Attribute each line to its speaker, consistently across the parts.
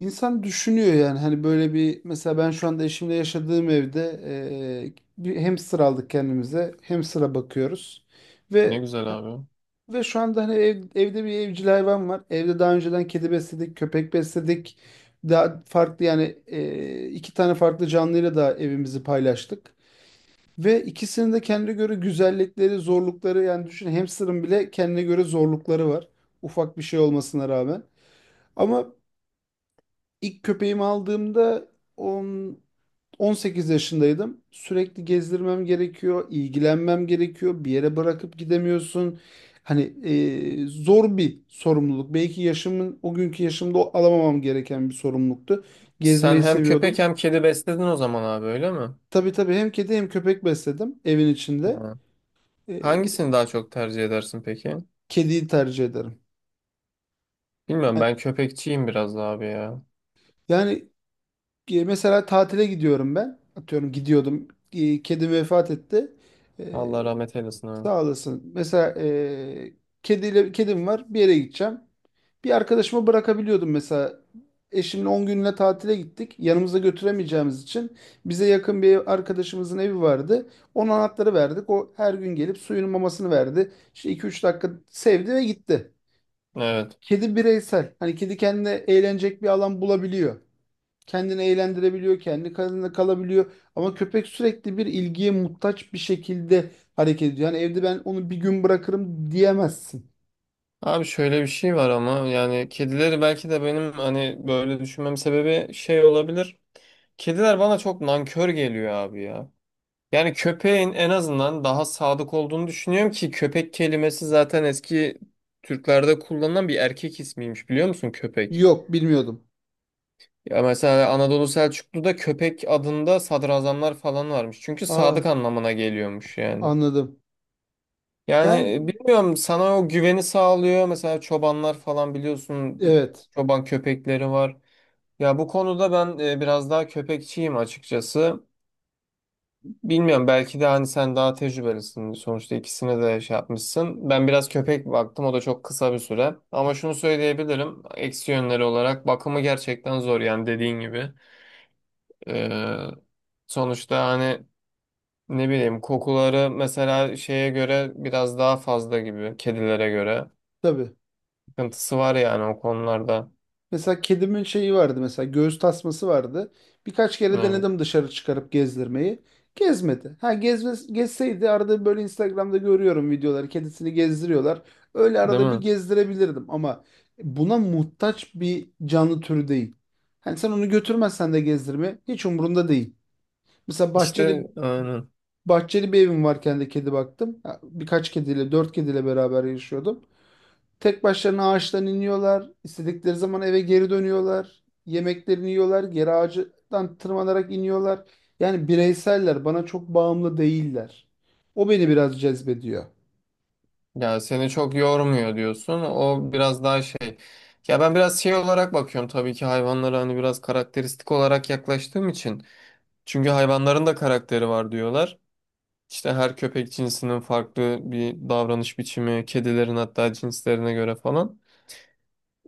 Speaker 1: İnsan düşünüyor yani hani böyle bir mesela ben şu anda eşimle yaşadığım evde bir hamster aldık kendimize. Hamster'a bakıyoruz.
Speaker 2: Ne
Speaker 1: Ve
Speaker 2: güzel abi.
Speaker 1: ve şu anda hani evde bir evcil hayvan var. Evde daha önceden kedi besledik, köpek besledik. Daha farklı yani iki tane farklı canlıyla da evimizi paylaştık. Ve ikisinin de kendine göre güzellikleri, zorlukları yani düşün hamster'ın bile kendine göre zorlukları var. Ufak bir şey olmasına rağmen. Ama İlk köpeğimi aldığımda 10, 18 yaşındaydım. Sürekli gezdirmem gerekiyor, ilgilenmem gerekiyor. Bir yere bırakıp gidemiyorsun. Hani zor bir sorumluluk. Belki o günkü yaşımda alamamam gereken bir sorumluluktu.
Speaker 2: Sen
Speaker 1: Gezmeyi
Speaker 2: hem köpek
Speaker 1: seviyordum.
Speaker 2: hem kedi besledin o zaman abi, öyle mi?
Speaker 1: Tabii tabii hem kedi hem köpek besledim evin içinde.
Speaker 2: Ha.
Speaker 1: E,
Speaker 2: Hangisini daha çok tercih edersin peki?
Speaker 1: Kediyi tercih ederim.
Speaker 2: Bilmiyorum, ben
Speaker 1: Yani,
Speaker 2: köpekçiyim biraz da abi ya.
Speaker 1: yani Mesela tatile gidiyorum ben. Atıyorum gidiyordum. Kedim vefat etti. E,
Speaker 2: Allah rahmet eylesin abi.
Speaker 1: Sağ olasın. Mesela kedim var. Bir yere gideceğim. Bir arkadaşıma bırakabiliyordum mesela. Eşimle 10 günlüğüne tatile gittik. Yanımıza götüremeyeceğimiz için bize yakın bir arkadaşımızın evi vardı. Onun anahtarı verdik. O her gün gelip suyunun mamasını verdi. İşte 2-3 dakika sevdi ve gitti.
Speaker 2: Evet.
Speaker 1: Kedi bireysel. Hani kedi kendine eğlenecek bir alan bulabiliyor, kendini eğlendirebiliyor, kendi kendine kalabiliyor. Ama köpek sürekli bir ilgiye muhtaç bir şekilde hareket ediyor. Yani evde ben onu bir gün bırakırım diyemezsin.
Speaker 2: Abi şöyle bir şey var ama, yani kedileri, belki de benim hani böyle düşünmem sebebi şey olabilir. Kediler bana çok nankör geliyor abi ya. Yani köpeğin en azından daha sadık olduğunu düşünüyorum ki köpek kelimesi zaten eski Türklerde kullanılan bir erkek ismiymiş, biliyor musun köpek?
Speaker 1: Yok, bilmiyordum.
Speaker 2: Ya mesela Anadolu Selçuklu'da köpek adında sadrazamlar falan varmış. Çünkü
Speaker 1: Aa,
Speaker 2: sadık anlamına geliyormuş yani.
Speaker 1: anladım.
Speaker 2: Yani
Speaker 1: Yani
Speaker 2: bilmiyorum, sana o güveni sağlıyor. Mesela çobanlar falan biliyorsun,
Speaker 1: evet,
Speaker 2: çoban köpekleri var. Ya bu konuda ben biraz daha köpekçiyim açıkçası. Bilmiyorum, belki de hani sen daha tecrübelisin. Sonuçta ikisine de şey yapmışsın. Ben biraz köpek baktım, o da çok kısa bir süre. Ama şunu söyleyebilirim. Eksi yönleri olarak bakımı gerçekten zor, yani dediğin gibi. Ee, Sonuçta hani ne bileyim, kokuları mesela şeye göre biraz daha fazla gibi, kedilere göre.
Speaker 1: tabii.
Speaker 2: Sıkıntısı var yani o konularda.
Speaker 1: Mesela kedimin şeyi vardı, mesela göğüs tasması vardı. Birkaç kere
Speaker 2: Evet.
Speaker 1: denedim dışarı çıkarıp gezdirmeyi. Gezmedi. Ha gezme, gezseydi arada böyle Instagram'da görüyorum videoları, kedisini gezdiriyorlar. Öyle
Speaker 2: Değil
Speaker 1: arada bir
Speaker 2: mi?
Speaker 1: gezdirebilirdim ama buna muhtaç bir canlı türü değil. Hani sen onu götürmezsen de gezdirme hiç umurunda değil. Mesela bahçeli
Speaker 2: İşte aynen.
Speaker 1: bahçeli bir evim varken de kedi baktım. Ha, birkaç kediyle, dört kediyle beraber yaşıyordum. Tek başlarına ağaçtan iniyorlar. İstedikleri zaman eve geri dönüyorlar. Yemeklerini yiyorlar. Geri ağacından tırmanarak iniyorlar. Yani bireyseller, bana çok bağımlı değiller. O beni biraz cezbediyor.
Speaker 2: Ya seni çok yormuyor diyorsun. O biraz daha şey. Ya ben biraz şey olarak bakıyorum tabii ki hayvanlara, hani biraz karakteristik olarak yaklaştığım için. Çünkü hayvanların da karakteri var diyorlar. İşte her köpek cinsinin farklı bir davranış biçimi, kedilerin hatta cinslerine göre falan.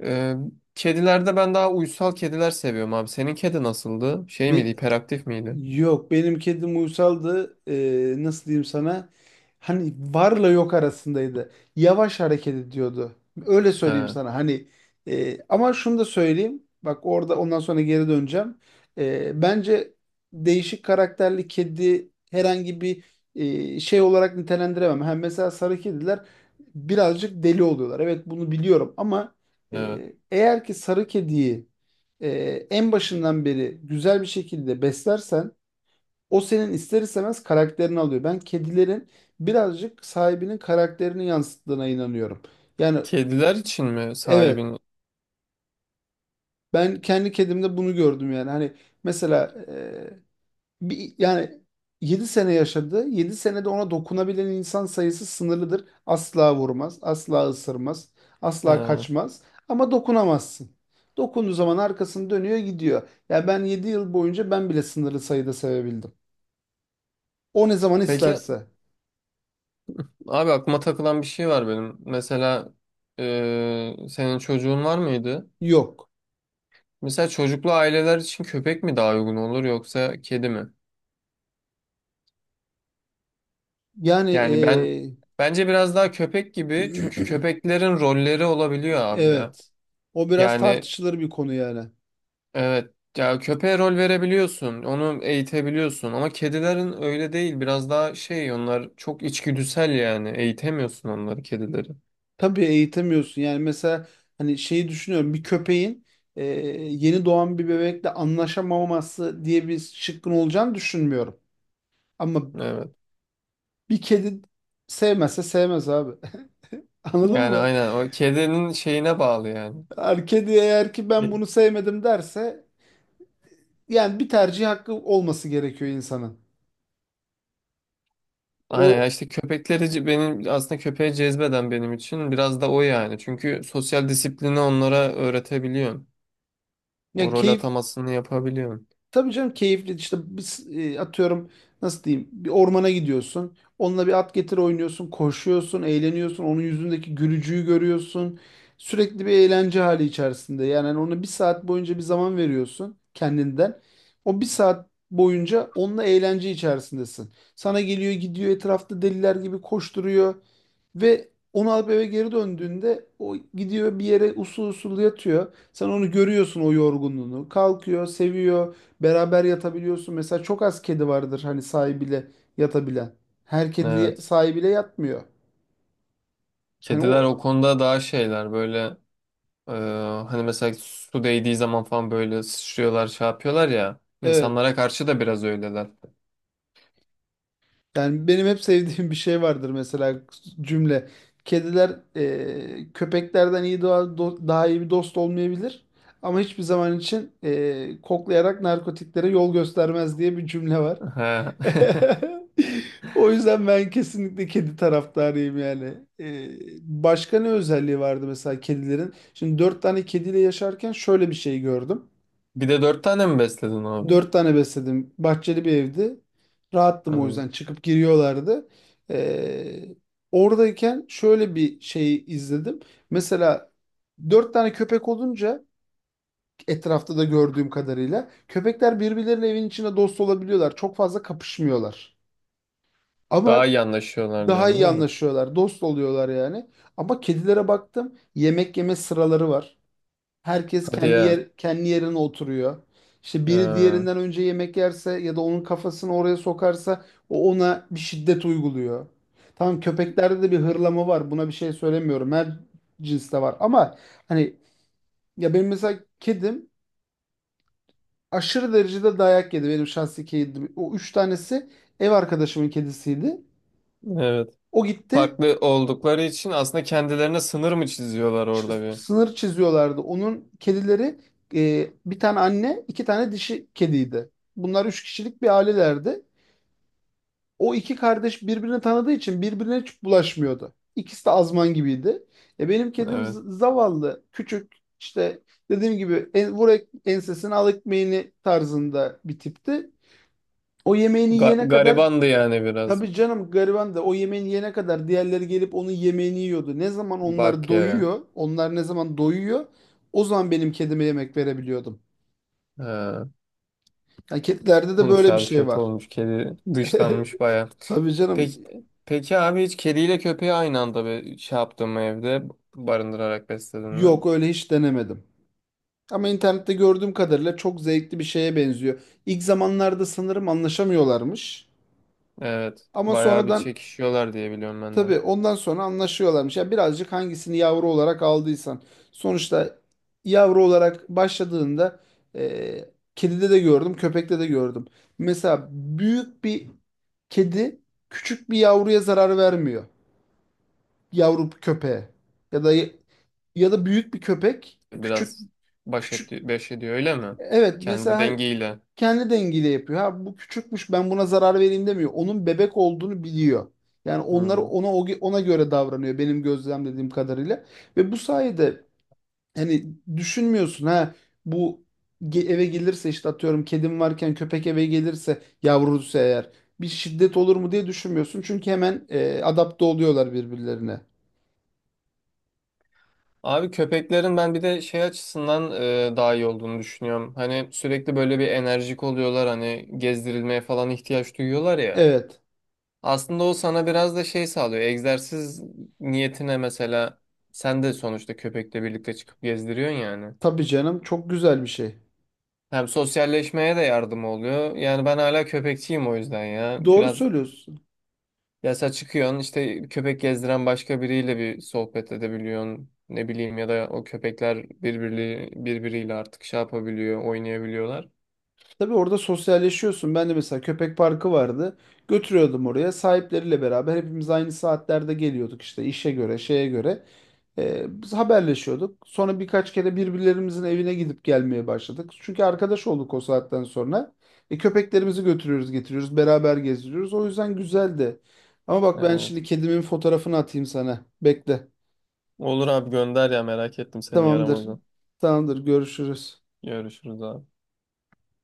Speaker 2: Ee, Kedilerde ben daha uysal kediler seviyorum abi. Senin kedi nasıldı? Şey miydi,
Speaker 1: Bir,
Speaker 2: hiperaktif miydi?
Speaker 1: Yok, benim kedim uysaldı. Nasıl diyeyim sana? Hani varla yok arasındaydı. Yavaş hareket ediyordu. Öyle söyleyeyim
Speaker 2: He,
Speaker 1: sana. Hani ama şunu da söyleyeyim. Bak orada ondan sonra geri döneceğim. Bence değişik karakterli kedi herhangi bir şey olarak nitelendiremem. Hem mesela sarı kediler birazcık deli oluyorlar. Evet, bunu biliyorum, ama
Speaker 2: evet.
Speaker 1: eğer ki sarı kediyi e, en başından beri güzel bir şekilde beslersen, o senin ister istemez karakterini alıyor. Ben kedilerin birazcık sahibinin karakterini yansıttığına inanıyorum. Yani
Speaker 2: Kediler için mi
Speaker 1: evet,
Speaker 2: sahibin?
Speaker 1: ben kendi kedimde bunu gördüm yani. Hani mesela e, bir, yani 7 sene yaşadı. 7 senede ona dokunabilen insan sayısı sınırlıdır. Asla vurmaz, asla ısırmaz, asla
Speaker 2: He.
Speaker 1: kaçmaz, ama dokunamazsın. Dokunduğu zaman arkasını dönüyor gidiyor. Ya ben 7 yıl boyunca ben bile sınırlı sayıda sevebildim. O ne zaman
Speaker 2: Peki
Speaker 1: isterse.
Speaker 2: abi, aklıma takılan bir şey var benim. Mesela senin çocuğun var mıydı?
Speaker 1: Yok.
Speaker 2: Mesela çocuklu aileler için köpek mi daha uygun olur, yoksa kedi mi?
Speaker 1: Yani e,
Speaker 2: Yani ben, bence biraz daha köpek gibi, çünkü köpeklerin rolleri olabiliyor abi ya.
Speaker 1: evet. O biraz
Speaker 2: Yani.
Speaker 1: tartışılır bir konu yani.
Speaker 2: Evet. Ya köpeğe rol verebiliyorsun, onu eğitebiliyorsun ama kedilerin öyle değil. Biraz daha şey, onlar çok içgüdüsel yani. Eğitemiyorsun onları, kedileri.
Speaker 1: Tabii eğitemiyorsun. Yani mesela hani şeyi düşünüyorum. Bir köpeğin e, yeni doğan bir bebekle anlaşamaması diye bir şıkkın olacağını düşünmüyorum. Ama
Speaker 2: Evet.
Speaker 1: bir kedi sevmezse sevmez abi. Anladın
Speaker 2: Yani
Speaker 1: mı?
Speaker 2: aynen, o kedinin şeyine bağlı yani.
Speaker 1: Yani kedi eğer ki ben bunu sevmedim derse, yani bir tercih hakkı olması gerekiyor insanın.
Speaker 2: Aynen ya,
Speaker 1: O
Speaker 2: işte köpekleri ce- benim aslında köpeğe cezbeden benim için biraz da o yani. Çünkü sosyal disiplini onlara öğretebiliyorsun. O
Speaker 1: ya
Speaker 2: rol
Speaker 1: keyif
Speaker 2: atamasını yapabiliyorsun.
Speaker 1: Tabii canım, keyifli işte atıyorum nasıl diyeyim, bir ormana gidiyorsun. Onunla bir at getir oynuyorsun, koşuyorsun, eğleniyorsun. Onun yüzündeki gülücüğü görüyorsun. Sürekli bir eğlence hali içerisinde. Yani hani ona bir saat boyunca bir zaman veriyorsun kendinden. O bir saat boyunca onunla eğlence içerisindesin. Sana geliyor gidiyor, etrafta deliler gibi koşturuyor. Ve onu alıp eve geri döndüğünde o gidiyor bir yere usul usul yatıyor. Sen onu görüyorsun o yorgunluğunu. Kalkıyor, seviyor. Beraber yatabiliyorsun. Mesela çok az kedi vardır hani sahibiyle yatabilen. Her kedi
Speaker 2: Evet.
Speaker 1: sahibiyle yatmıyor. Hani
Speaker 2: Kediler o
Speaker 1: o
Speaker 2: konuda daha şeyler böyle. Ee, Hani mesela su değdiği zaman falan böyle sıçrıyorlar, şey yapıyorlar ya.
Speaker 1: evet.
Speaker 2: İnsanlara karşı da biraz öyleler.
Speaker 1: Yani benim hep sevdiğim bir şey vardır, mesela cümle. Kediler köpeklerden iyi daha iyi bir dost olmayabilir. Ama hiçbir zaman için koklayarak narkotiklere yol göstermez diye bir cümle var.
Speaker 2: He.
Speaker 1: O yüzden ben kesinlikle kedi taraftarıyım yani. Ee, Başka ne özelliği vardı mesela kedilerin? Şimdi dört tane kediyle yaşarken şöyle bir şey gördüm.
Speaker 2: Bir de dört tane mi besledin abi?
Speaker 1: Dört tane besledim. Bahçeli bir evdi. Rahattım,
Speaker 2: Ha.
Speaker 1: o yüzden çıkıp giriyorlardı. Ee, Oradayken şöyle bir şey izledim. Mesela dört tane köpek olunca, etrafta da gördüğüm kadarıyla köpekler birbirleriyle evin içinde dost olabiliyorlar. Çok fazla kapışmıyorlar.
Speaker 2: Daha
Speaker 1: Ama
Speaker 2: iyi anlaşıyorlar
Speaker 1: daha
Speaker 2: diyorsun
Speaker 1: iyi
Speaker 2: değil mi?
Speaker 1: anlaşıyorlar, dost oluyorlar yani. Ama kedilere baktım, yemek yeme sıraları var. Herkes
Speaker 2: Hadi
Speaker 1: kendi
Speaker 2: ya.
Speaker 1: yer, kendi yerine oturuyor. İşte biri
Speaker 2: Ha.
Speaker 1: diğerinden önce yemek yerse ya da onun kafasını oraya sokarsa, o ona bir şiddet uyguluyor. Tamam, köpeklerde de bir hırlama var. Buna bir şey söylemiyorum. Her cinste var. Ama hani ya benim mesela kedim aşırı derecede dayak yedi. Benim şahsi kedim. O üç tanesi ev arkadaşımın kedisiydi.
Speaker 2: Evet.
Speaker 1: O gitti
Speaker 2: Farklı oldukları için aslında kendilerine sınır mı çiziyorlar orada bir?
Speaker 1: sınır çiziyorlardı. Onun kedileri bir tane anne, iki tane dişi kediydi. Bunlar üç kişilik bir ailelerdi. O iki kardeş birbirini tanıdığı için birbirine hiç bulaşmıyordu. İkisi de azman gibiydi. Benim kedim
Speaker 2: Evet.
Speaker 1: zavallı, küçük, işte dediğim gibi ensesini al ekmeğini tarzında bir tipti. O yemeğini
Speaker 2: Ga-
Speaker 1: yiyene kadar,
Speaker 2: garibandı yani biraz.
Speaker 1: tabii canım, gariban, da o yemeğini yene kadar diğerleri gelip onun yemeğini yiyordu. Ne zaman onlar
Speaker 2: Bak ya.
Speaker 1: doyuyor, onlar ne zaman doyuyor, o zaman benim kedime yemek verebiliyordum.
Speaker 2: Ha.
Speaker 1: Yani kedilerde de
Speaker 2: Olmuş
Speaker 1: böyle bir
Speaker 2: abi,
Speaker 1: şey
Speaker 2: kötü
Speaker 1: var.
Speaker 2: olmuş. Kedi dışlanmış baya.
Speaker 1: Tabii
Speaker 2: Peki,
Speaker 1: canım,
Speaker 2: peki abi, hiç kediyle köpeği aynı anda be, şey yaptın mı evde, barındırarak besledin mi?
Speaker 1: yok, öyle hiç denemedim. Ama internette gördüğüm kadarıyla çok zevkli bir şeye benziyor. İlk zamanlarda sanırım anlaşamıyorlarmış.
Speaker 2: Evet.
Speaker 1: Ama
Speaker 2: Bayağı bir
Speaker 1: sonradan,
Speaker 2: çekişiyorlar diye biliyorum ben de.
Speaker 1: tabii ondan sonra anlaşıyorlarmış. Ya birazcık hangisini yavru olarak aldıysan. Sonuçta yavru olarak başladığında e, kedide de gördüm, köpekte de gördüm. Mesela büyük bir kedi küçük bir yavruya zarar vermiyor. Yavru köpeğe. Ya da ya da büyük bir köpek küçük
Speaker 2: Biraz baş,
Speaker 1: küçük
Speaker 2: etti- baş ediyor öyle mi?
Speaker 1: evet, mesela
Speaker 2: Kendi
Speaker 1: hani
Speaker 2: dengiyle.
Speaker 1: kendi dengiyle yapıyor. Ha bu küçükmüş, ben buna zarar vereyim demiyor. Onun bebek olduğunu biliyor. Yani onlar
Speaker 2: Hmm.
Speaker 1: ona ona göre davranıyor, benim gözlemlediğim kadarıyla. Ve bu sayede hani düşünmüyorsun ha, bu eve gelirse işte atıyorum, kedim varken köpek eve gelirse yavrusu, eğer bir şiddet olur mu diye düşünmüyorsun. Çünkü hemen adapte oluyorlar birbirlerine.
Speaker 2: Abi köpeklerin ben bir de şey açısından daha iyi olduğunu düşünüyorum. Hani sürekli böyle bir enerjik oluyorlar, hani gezdirilmeye falan ihtiyaç duyuyorlar ya.
Speaker 1: Evet.
Speaker 2: Aslında o sana biraz da şey sağlıyor. Egzersiz niyetine mesela sen de sonuçta köpekle birlikte çıkıp gezdiriyorsun yani.
Speaker 1: Tabii canım, çok güzel bir şey.
Speaker 2: Hem sosyalleşmeye de yardım oluyor. Yani ben hala köpekçiyim o yüzden ya.
Speaker 1: Doğru
Speaker 2: Biraz
Speaker 1: söylüyorsun.
Speaker 2: yasa çıkıyorsun, işte köpek gezdiren başka biriyle bir sohbet edebiliyorsun. Ne bileyim, ya da o köpekler birbiri, birbiriyle artık şey yapabiliyor, oynayabiliyorlar.
Speaker 1: Tabii orada sosyalleşiyorsun. Ben de mesela köpek parkı vardı. Götürüyordum oraya. Sahipleriyle beraber hepimiz aynı saatlerde geliyorduk işte işe göre, şeye göre. Biz haberleşiyorduk. Sonra birkaç kere birbirlerimizin evine gidip gelmeye başladık. Çünkü arkadaş olduk o saatten sonra. Köpeklerimizi götürüyoruz, getiriyoruz, beraber gezdiriyoruz. O yüzden güzeldi. Ama bak ben şimdi
Speaker 2: Evet.
Speaker 1: kedimin fotoğrafını atayım sana. Bekle.
Speaker 2: Olur abi, gönder ya, merak ettim senin
Speaker 1: Tamamdır.
Speaker 2: yaramazı.
Speaker 1: Tamamdır. Görüşürüz.
Speaker 2: Görüşürüz abi.